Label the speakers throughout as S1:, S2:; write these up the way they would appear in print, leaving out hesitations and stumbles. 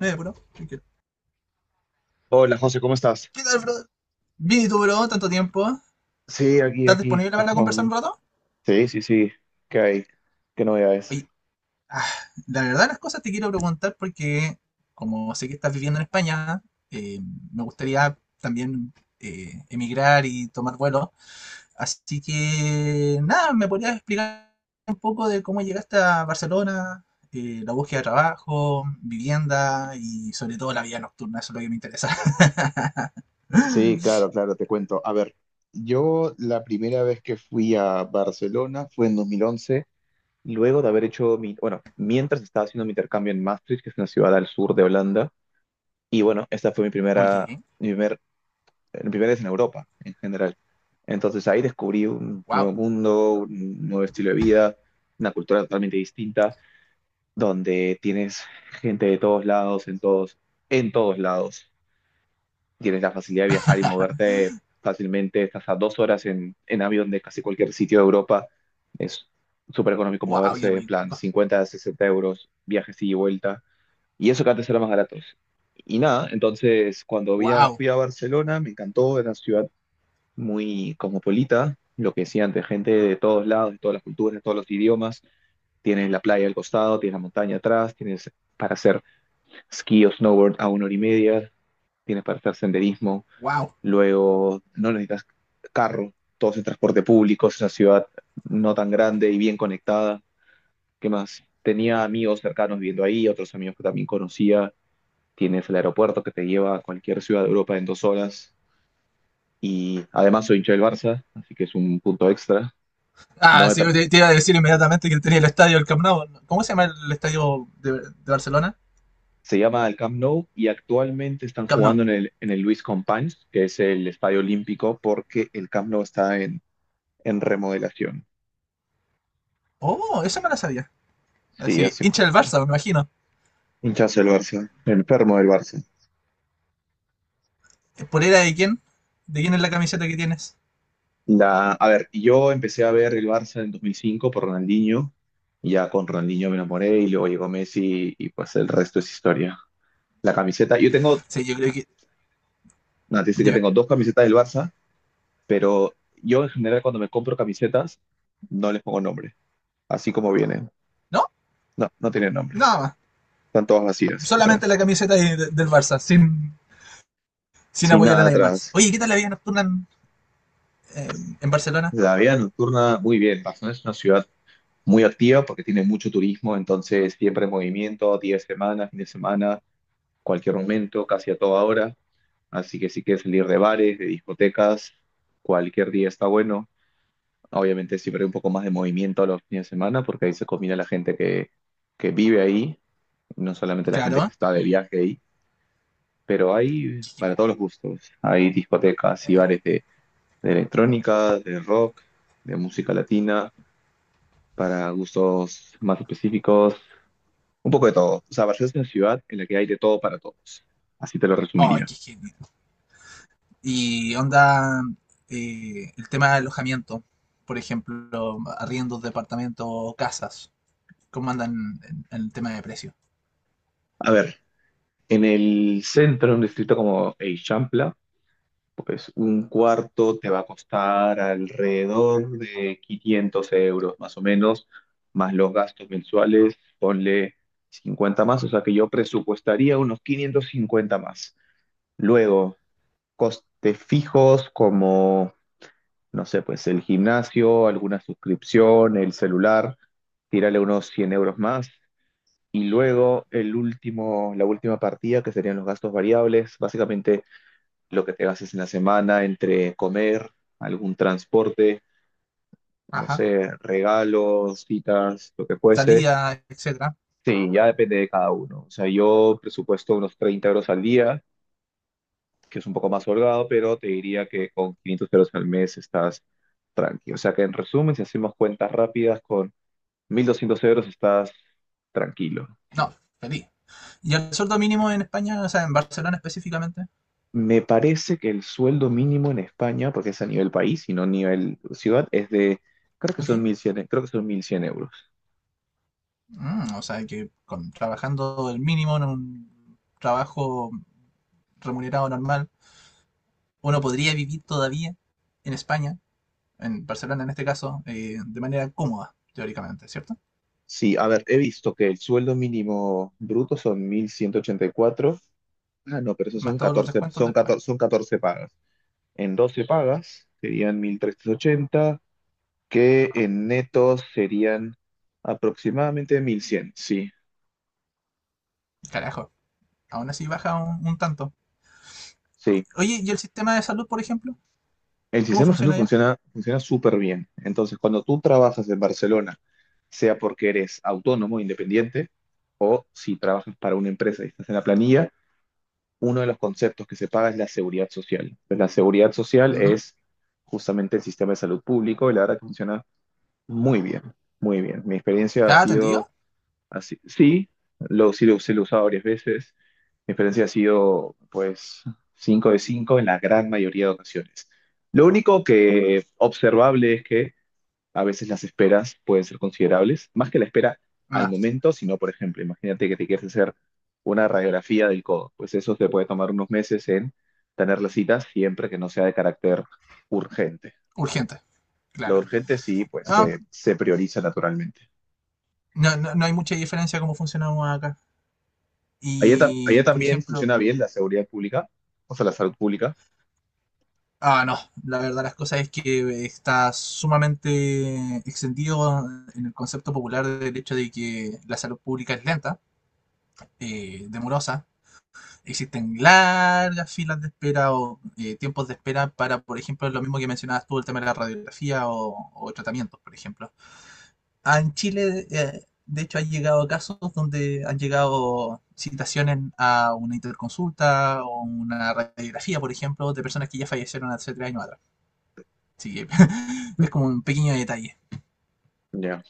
S1: Bro, tranquilo.
S2: Hola José, ¿cómo estás?
S1: ¿Qué tal, brother? Bien, ¿y tú, bro? Tanto tiempo.
S2: Sí, aquí,
S1: ¿Estás
S2: aquí,
S1: disponible para
S2: vamos
S1: conversar un
S2: bien.
S1: rato?
S2: Sí, sí, sí, ¿qué hay? ¿Qué novedades?
S1: Oye, ah, la verdad las cosas te quiero preguntar porque, como sé que estás viviendo en España, eh, me gustaría también emigrar y tomar vuelo. Así que, nada, ¿me podrías explicar un poco de cómo llegaste a Barcelona? La búsqueda de trabajo, vivienda y sobre todo la vida nocturna, eso es lo que me interesa.
S2: Sí, claro, te cuento. A ver, yo la primera vez que fui a Barcelona fue en 2011, luego de haber hecho mi, bueno, mientras estaba haciendo mi intercambio en Maastricht, que es una ciudad al sur de Holanda, y bueno, esta fue mi primera,
S1: Ok,
S2: mi primer, mi primera vez en Europa en general. Entonces ahí descubrí un
S1: wow,
S2: nuevo mundo, un nuevo estilo de vida, una cultura totalmente distinta, donde tienes gente de todos lados, en todos lados. Tienes la facilidad de viajar y moverte fácilmente. Estás a dos horas en avión de casi cualquier sitio de Europa. Es súper económico
S1: wow, qué
S2: moverse, en plan
S1: rico,
S2: 50 a 60 euros, viajes ida y vuelta. Y eso que antes era más baratos. Y nada, entonces cuando
S1: wow,
S2: fui a Barcelona me encantó, era una ciudad muy cosmopolita, lo que decía antes, gente de todos lados, de todas las culturas, de todos los idiomas. Tienes la playa al costado, tienes la montaña atrás, tienes para hacer ski o snowboard a una hora y media, tienes para hacer senderismo,
S1: wow.
S2: luego no necesitas carro, todo es en transporte público, es una ciudad no tan grande y bien conectada. ¿Qué más? Tenía amigos cercanos viviendo ahí, otros amigos que también conocía. Tienes el aeropuerto que te lleva a cualquier ciudad de Europa en dos horas. Y además soy hincha del Barça, así que es un punto extra. No
S1: Ah,
S2: me
S1: sí,
S2: tra-
S1: te iba a decir inmediatamente que tenía el estadio, el Camp Nou. ¿Cómo se llama el estadio de Barcelona?
S2: Se llama el Camp Nou y actualmente están
S1: Camp Nou.
S2: jugando en el Luis Companys, que es el estadio olímpico, porque el Camp Nou está en remodelación.
S1: Oh, esa me la sabía.
S2: Sí,
S1: Así,
S2: hace
S1: hincha del Barça, me imagino.
S2: hinchazo del Barça, enfermo del Barça.
S1: ¿Polera de quién? ¿De quién es la camiseta que tienes?
S2: La, a ver, yo empecé a ver el Barça en 2005 por Ronaldinho, y ya con Ronaldinho me enamoré y luego llegó Messi y pues el resto es historia. La camiseta, yo tengo,
S1: Sí, yo creo que...
S2: no, te dice que
S1: Dime.
S2: tengo dos camisetas del Barça, pero yo en general cuando me compro camisetas no les pongo nombre, así como vienen.
S1: ¿No?
S2: No, no tienen nombre.
S1: Nada más.
S2: Están todas vacías
S1: Solamente la
S2: atrás,
S1: camiseta del Barça, sin, sin
S2: sin
S1: apoyar a
S2: nada
S1: nadie más.
S2: atrás.
S1: Oye, ¿qué tal la vida nocturna en, en Barcelona?
S2: La vida nocturna, muy bien. Barcelona es una ciudad muy activa porque tiene mucho turismo, entonces siempre en movimiento, día de semana, fin de semana, cualquier momento, casi a toda hora. Así que si quieres salir de bares, de discotecas, cualquier día está bueno. Obviamente siempre hay un poco más de movimiento a los fines de semana porque ahí se combina la gente que vive ahí, no solamente la gente que
S1: Claro.
S2: está de viaje ahí, pero hay
S1: Qué
S2: para
S1: genial.
S2: todos los gustos. Hay discotecas y bares de electrónica, de rock, de música latina para gustos más específicos, un poco de todo. O sea, Barcelona es una ciudad en la que hay de todo para todos. Así te lo
S1: Oh,
S2: resumiría.
S1: qué genial. Y onda, el tema de alojamiento, por ejemplo, arriendos, departamentos, casas, cómo andan en el tema de precio.
S2: A ver, en el centro, en un distrito como Eixample, pues un cuarto te va a costar alrededor de 500 € más o menos, más los gastos mensuales, ponle 50 más, o sea que yo presupuestaría unos 550 más. Luego, costes fijos como no sé, pues el gimnasio, alguna suscripción, el celular, tírale unos 100 € más. Y luego el último, la última partida, que serían los gastos variables, básicamente lo que te gastes en la semana entre comer, algún transporte, no
S1: Ajá.
S2: sé, regalos, citas, lo que fuese.
S1: Salida, etcétera.
S2: Sí, ya depende de cada uno. O sea, yo presupuesto unos 30 € al día, que es un poco más holgado, pero te diría que con 500 € al mes estás tranqui. O sea que en resumen, si hacemos cuentas rápidas con 1200 € estás tranquilo.
S1: No, feliz. ¿Y el sueldo mínimo en España, o sea, en Barcelona específicamente?
S2: Me parece que el sueldo mínimo en España, porque es a nivel país y no a nivel ciudad, es de, creo que
S1: Ok.
S2: son 1100, euros.
S1: Mm, o sea, que trabajando el mínimo en un trabajo remunerado normal, uno podría vivir todavía en España, en Barcelona en este caso, de manera cómoda, teóricamente, ¿cierto?
S2: Sí, a ver, he visto que el sueldo mínimo bruto son 1184. Ah, no, pero esos
S1: Más
S2: son
S1: todos los
S2: 14,
S1: descuentos
S2: son
S1: después.
S2: 14, son 14 pagas. En 12 pagas serían 1380 que en netos serían aproximadamente 1100, sí.
S1: Carajo, aún así baja un tanto.
S2: Sí.
S1: Oye, ¿y el sistema de salud, por ejemplo?
S2: El
S1: ¿Cómo
S2: sistema de salud
S1: funciona allá?
S2: funciona, funciona súper bien. Entonces, cuando tú trabajas en Barcelona, sea porque eres autónomo, independiente, o si trabajas para una empresa y estás en la planilla, uno de los conceptos que se paga es la seguridad social. Pues la seguridad social
S1: Ujú.
S2: es justamente el sistema de salud público y la verdad que funciona muy bien, muy bien. Mi experiencia ha
S1: ¿Está
S2: sido
S1: atendido?
S2: así, sí, sí lo he usado varias veces. Mi experiencia ha sido, pues, 5 de 5 en la gran mayoría de ocasiones. Lo único que observable es que a veces las esperas pueden ser considerables, más que la espera
S1: No,
S2: al
S1: sí.
S2: momento, sino, por ejemplo, imagínate que te quieres hacer una radiografía del codo. Pues eso te puede tomar unos meses en tener la cita siempre que no sea de carácter urgente.
S1: Urgente,
S2: Lo
S1: claro.
S2: urgente sí, pues,
S1: Ah,
S2: se prioriza naturalmente.
S1: no, no, no hay mucha diferencia cómo funcionamos acá.
S2: Allá,
S1: Y,
S2: allá
S1: por
S2: también
S1: ejemplo,
S2: funciona bien la seguridad pública, o sea, la salud pública.
S1: ah, no, la verdad las cosas es que está sumamente extendido en el concepto popular del hecho de que la salud pública es lenta, demorosa, existen largas filas de espera o tiempos de espera para, por ejemplo, lo mismo que mencionabas tú, el tema de la radiografía o tratamientos, por ejemplo. Ah, en Chile, de hecho, han llegado casos donde han llegado citaciones a una interconsulta o una radiografía, por ejemplo, de personas que ya fallecieron hace 3 años atrás. Así que es como un pequeño detalle.
S2: Ya.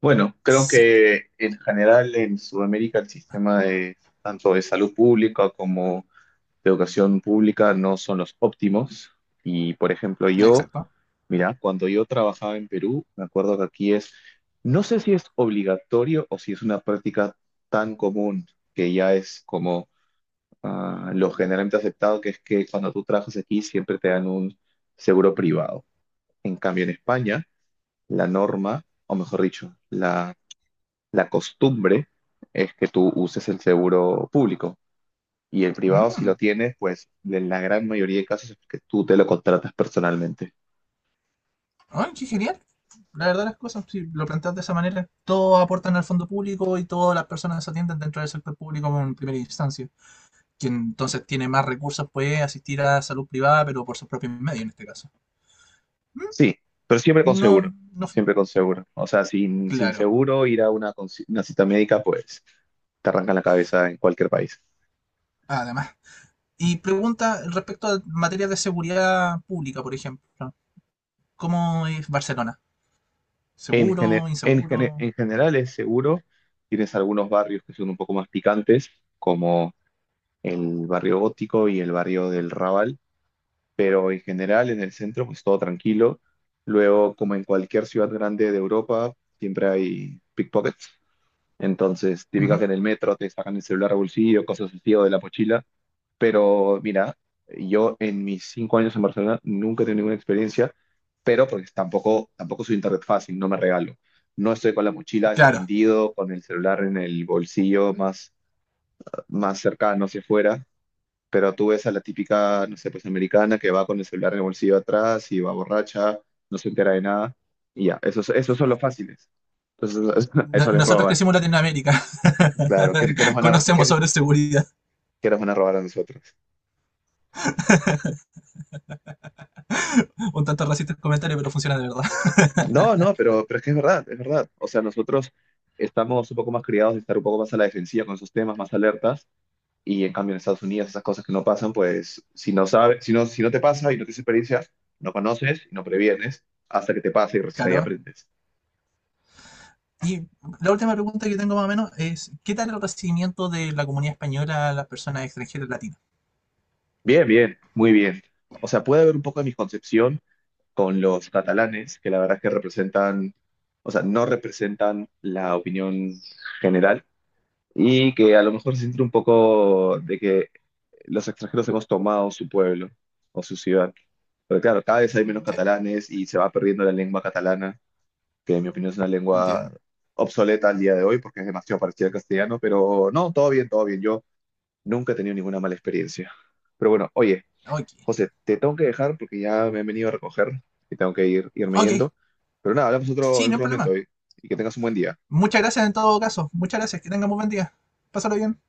S2: Bueno, creo
S1: Sí,
S2: que en general en Sudamérica el sistema de, tanto de salud pública como de educación pública, no son los óptimos. Y por ejemplo, yo,
S1: exacto.
S2: mira, cuando yo trabajaba en Perú, me acuerdo que aquí es, no sé si es obligatorio o si es una práctica tan común que ya es como, ah, lo generalmente aceptado, que es que cuando tú trabajas aquí siempre te dan un seguro privado. En cambio, en España, la norma, o mejor dicho, la costumbre es que tú uses el seguro público. Y el privado, si lo
S1: Mm.
S2: tienes, pues en la gran mayoría de casos es que tú te lo contratas personalmente.
S1: ¡Ay, qué genial! La verdad las cosas, si lo planteas de esa manera, todos aportan al fondo público y todas las personas se atienden dentro del sector público en primera instancia. Quien entonces tiene más recursos puede asistir a la salud privada, pero por sus propios medios en este caso. ¿Mm?
S2: Sí, pero siempre con
S1: No,
S2: seguro,
S1: no,
S2: siempre con seguro. O sea, sin
S1: claro.
S2: seguro, ir a una, una cita médica, pues te arrancan la cabeza en cualquier país.
S1: Además. Y pregunta respecto a materias de seguridad pública, por ejemplo. ¿Cómo es Barcelona?
S2: En, gene-
S1: ¿Seguro?
S2: en, gene-
S1: ¿Inseguro?
S2: en general es seguro. Tienes algunos barrios que son un poco más picantes, como el barrio gótico y el barrio del Raval, pero en general en el centro pues todo tranquilo. Luego, como en cualquier ciudad grande de Europa, siempre hay pickpockets. Entonces, típica que
S1: Ujú,
S2: en el metro te sacan el celular al bolsillo, cosas así o de la mochila. Pero mira, yo en mis 5 años en Barcelona nunca he tenido ninguna experiencia, pero porque tampoco soy internet fácil, no me regalo. No estoy con la mochila
S1: claro.
S2: desatendido, con el celular en el bolsillo más, más cercano hacia afuera. Pero tú ves a la típica, no sé, pues americana que va con el celular en el bolsillo atrás y va borracha, no se entera de nada, y ya, esos son los fáciles. Entonces,
S1: No-
S2: eso les
S1: Nosotros
S2: roban.
S1: crecimos en Latinoamérica.
S2: Claro, ¿qué, qué nos van a,
S1: Conocemos
S2: qué-
S1: sobre seguridad.
S2: qué nos van a robar a nosotros?
S1: Un tanto racista el comentario, pero funciona de verdad.
S2: No, no, pero es que es verdad, es verdad. O sea, nosotros estamos un poco más criados de estar un poco más a la defensiva con esos temas, más alertas, y en cambio en Estados Unidos esas cosas que no pasan, pues si no sabes, si no te pasa y no tienes experiencia, no conoces y no previenes hasta que te pasa y recién ahí
S1: Claro.
S2: aprendes.
S1: Y la última pregunta que tengo más o menos es, ¿qué tal el recibimiento de la comunidad española a las personas extranjeras latinas?
S2: Bien, bien, muy bien. O sea, puede haber un poco de misconcepción con los catalanes, que la verdad es que representan, o sea, no representan la opinión general y que a lo mejor se siente un poco de que los extranjeros hemos tomado su pueblo o su ciudad. Pero claro, cada vez hay menos
S1: Mm, sí,
S2: catalanes y se va perdiendo la lengua catalana, que en mi opinión es una lengua
S1: entiendo.
S2: obsoleta al día de hoy porque es demasiado parecida al castellano, pero no, todo bien, todo bien. Yo nunca he tenido ninguna mala experiencia. Pero bueno, oye.
S1: Ok.
S2: José, te tengo que dejar porque ya me han venido a recoger y tengo que ir, irme
S1: Ok,
S2: yendo. Pero nada, hablamos otro,
S1: sí,
S2: en
S1: no hay
S2: otro momento
S1: problema.
S2: hoy y que tengas un buen día.
S1: Muchas gracias en todo caso. Muchas gracias. Que tengan muy buen día. Pásalo bien.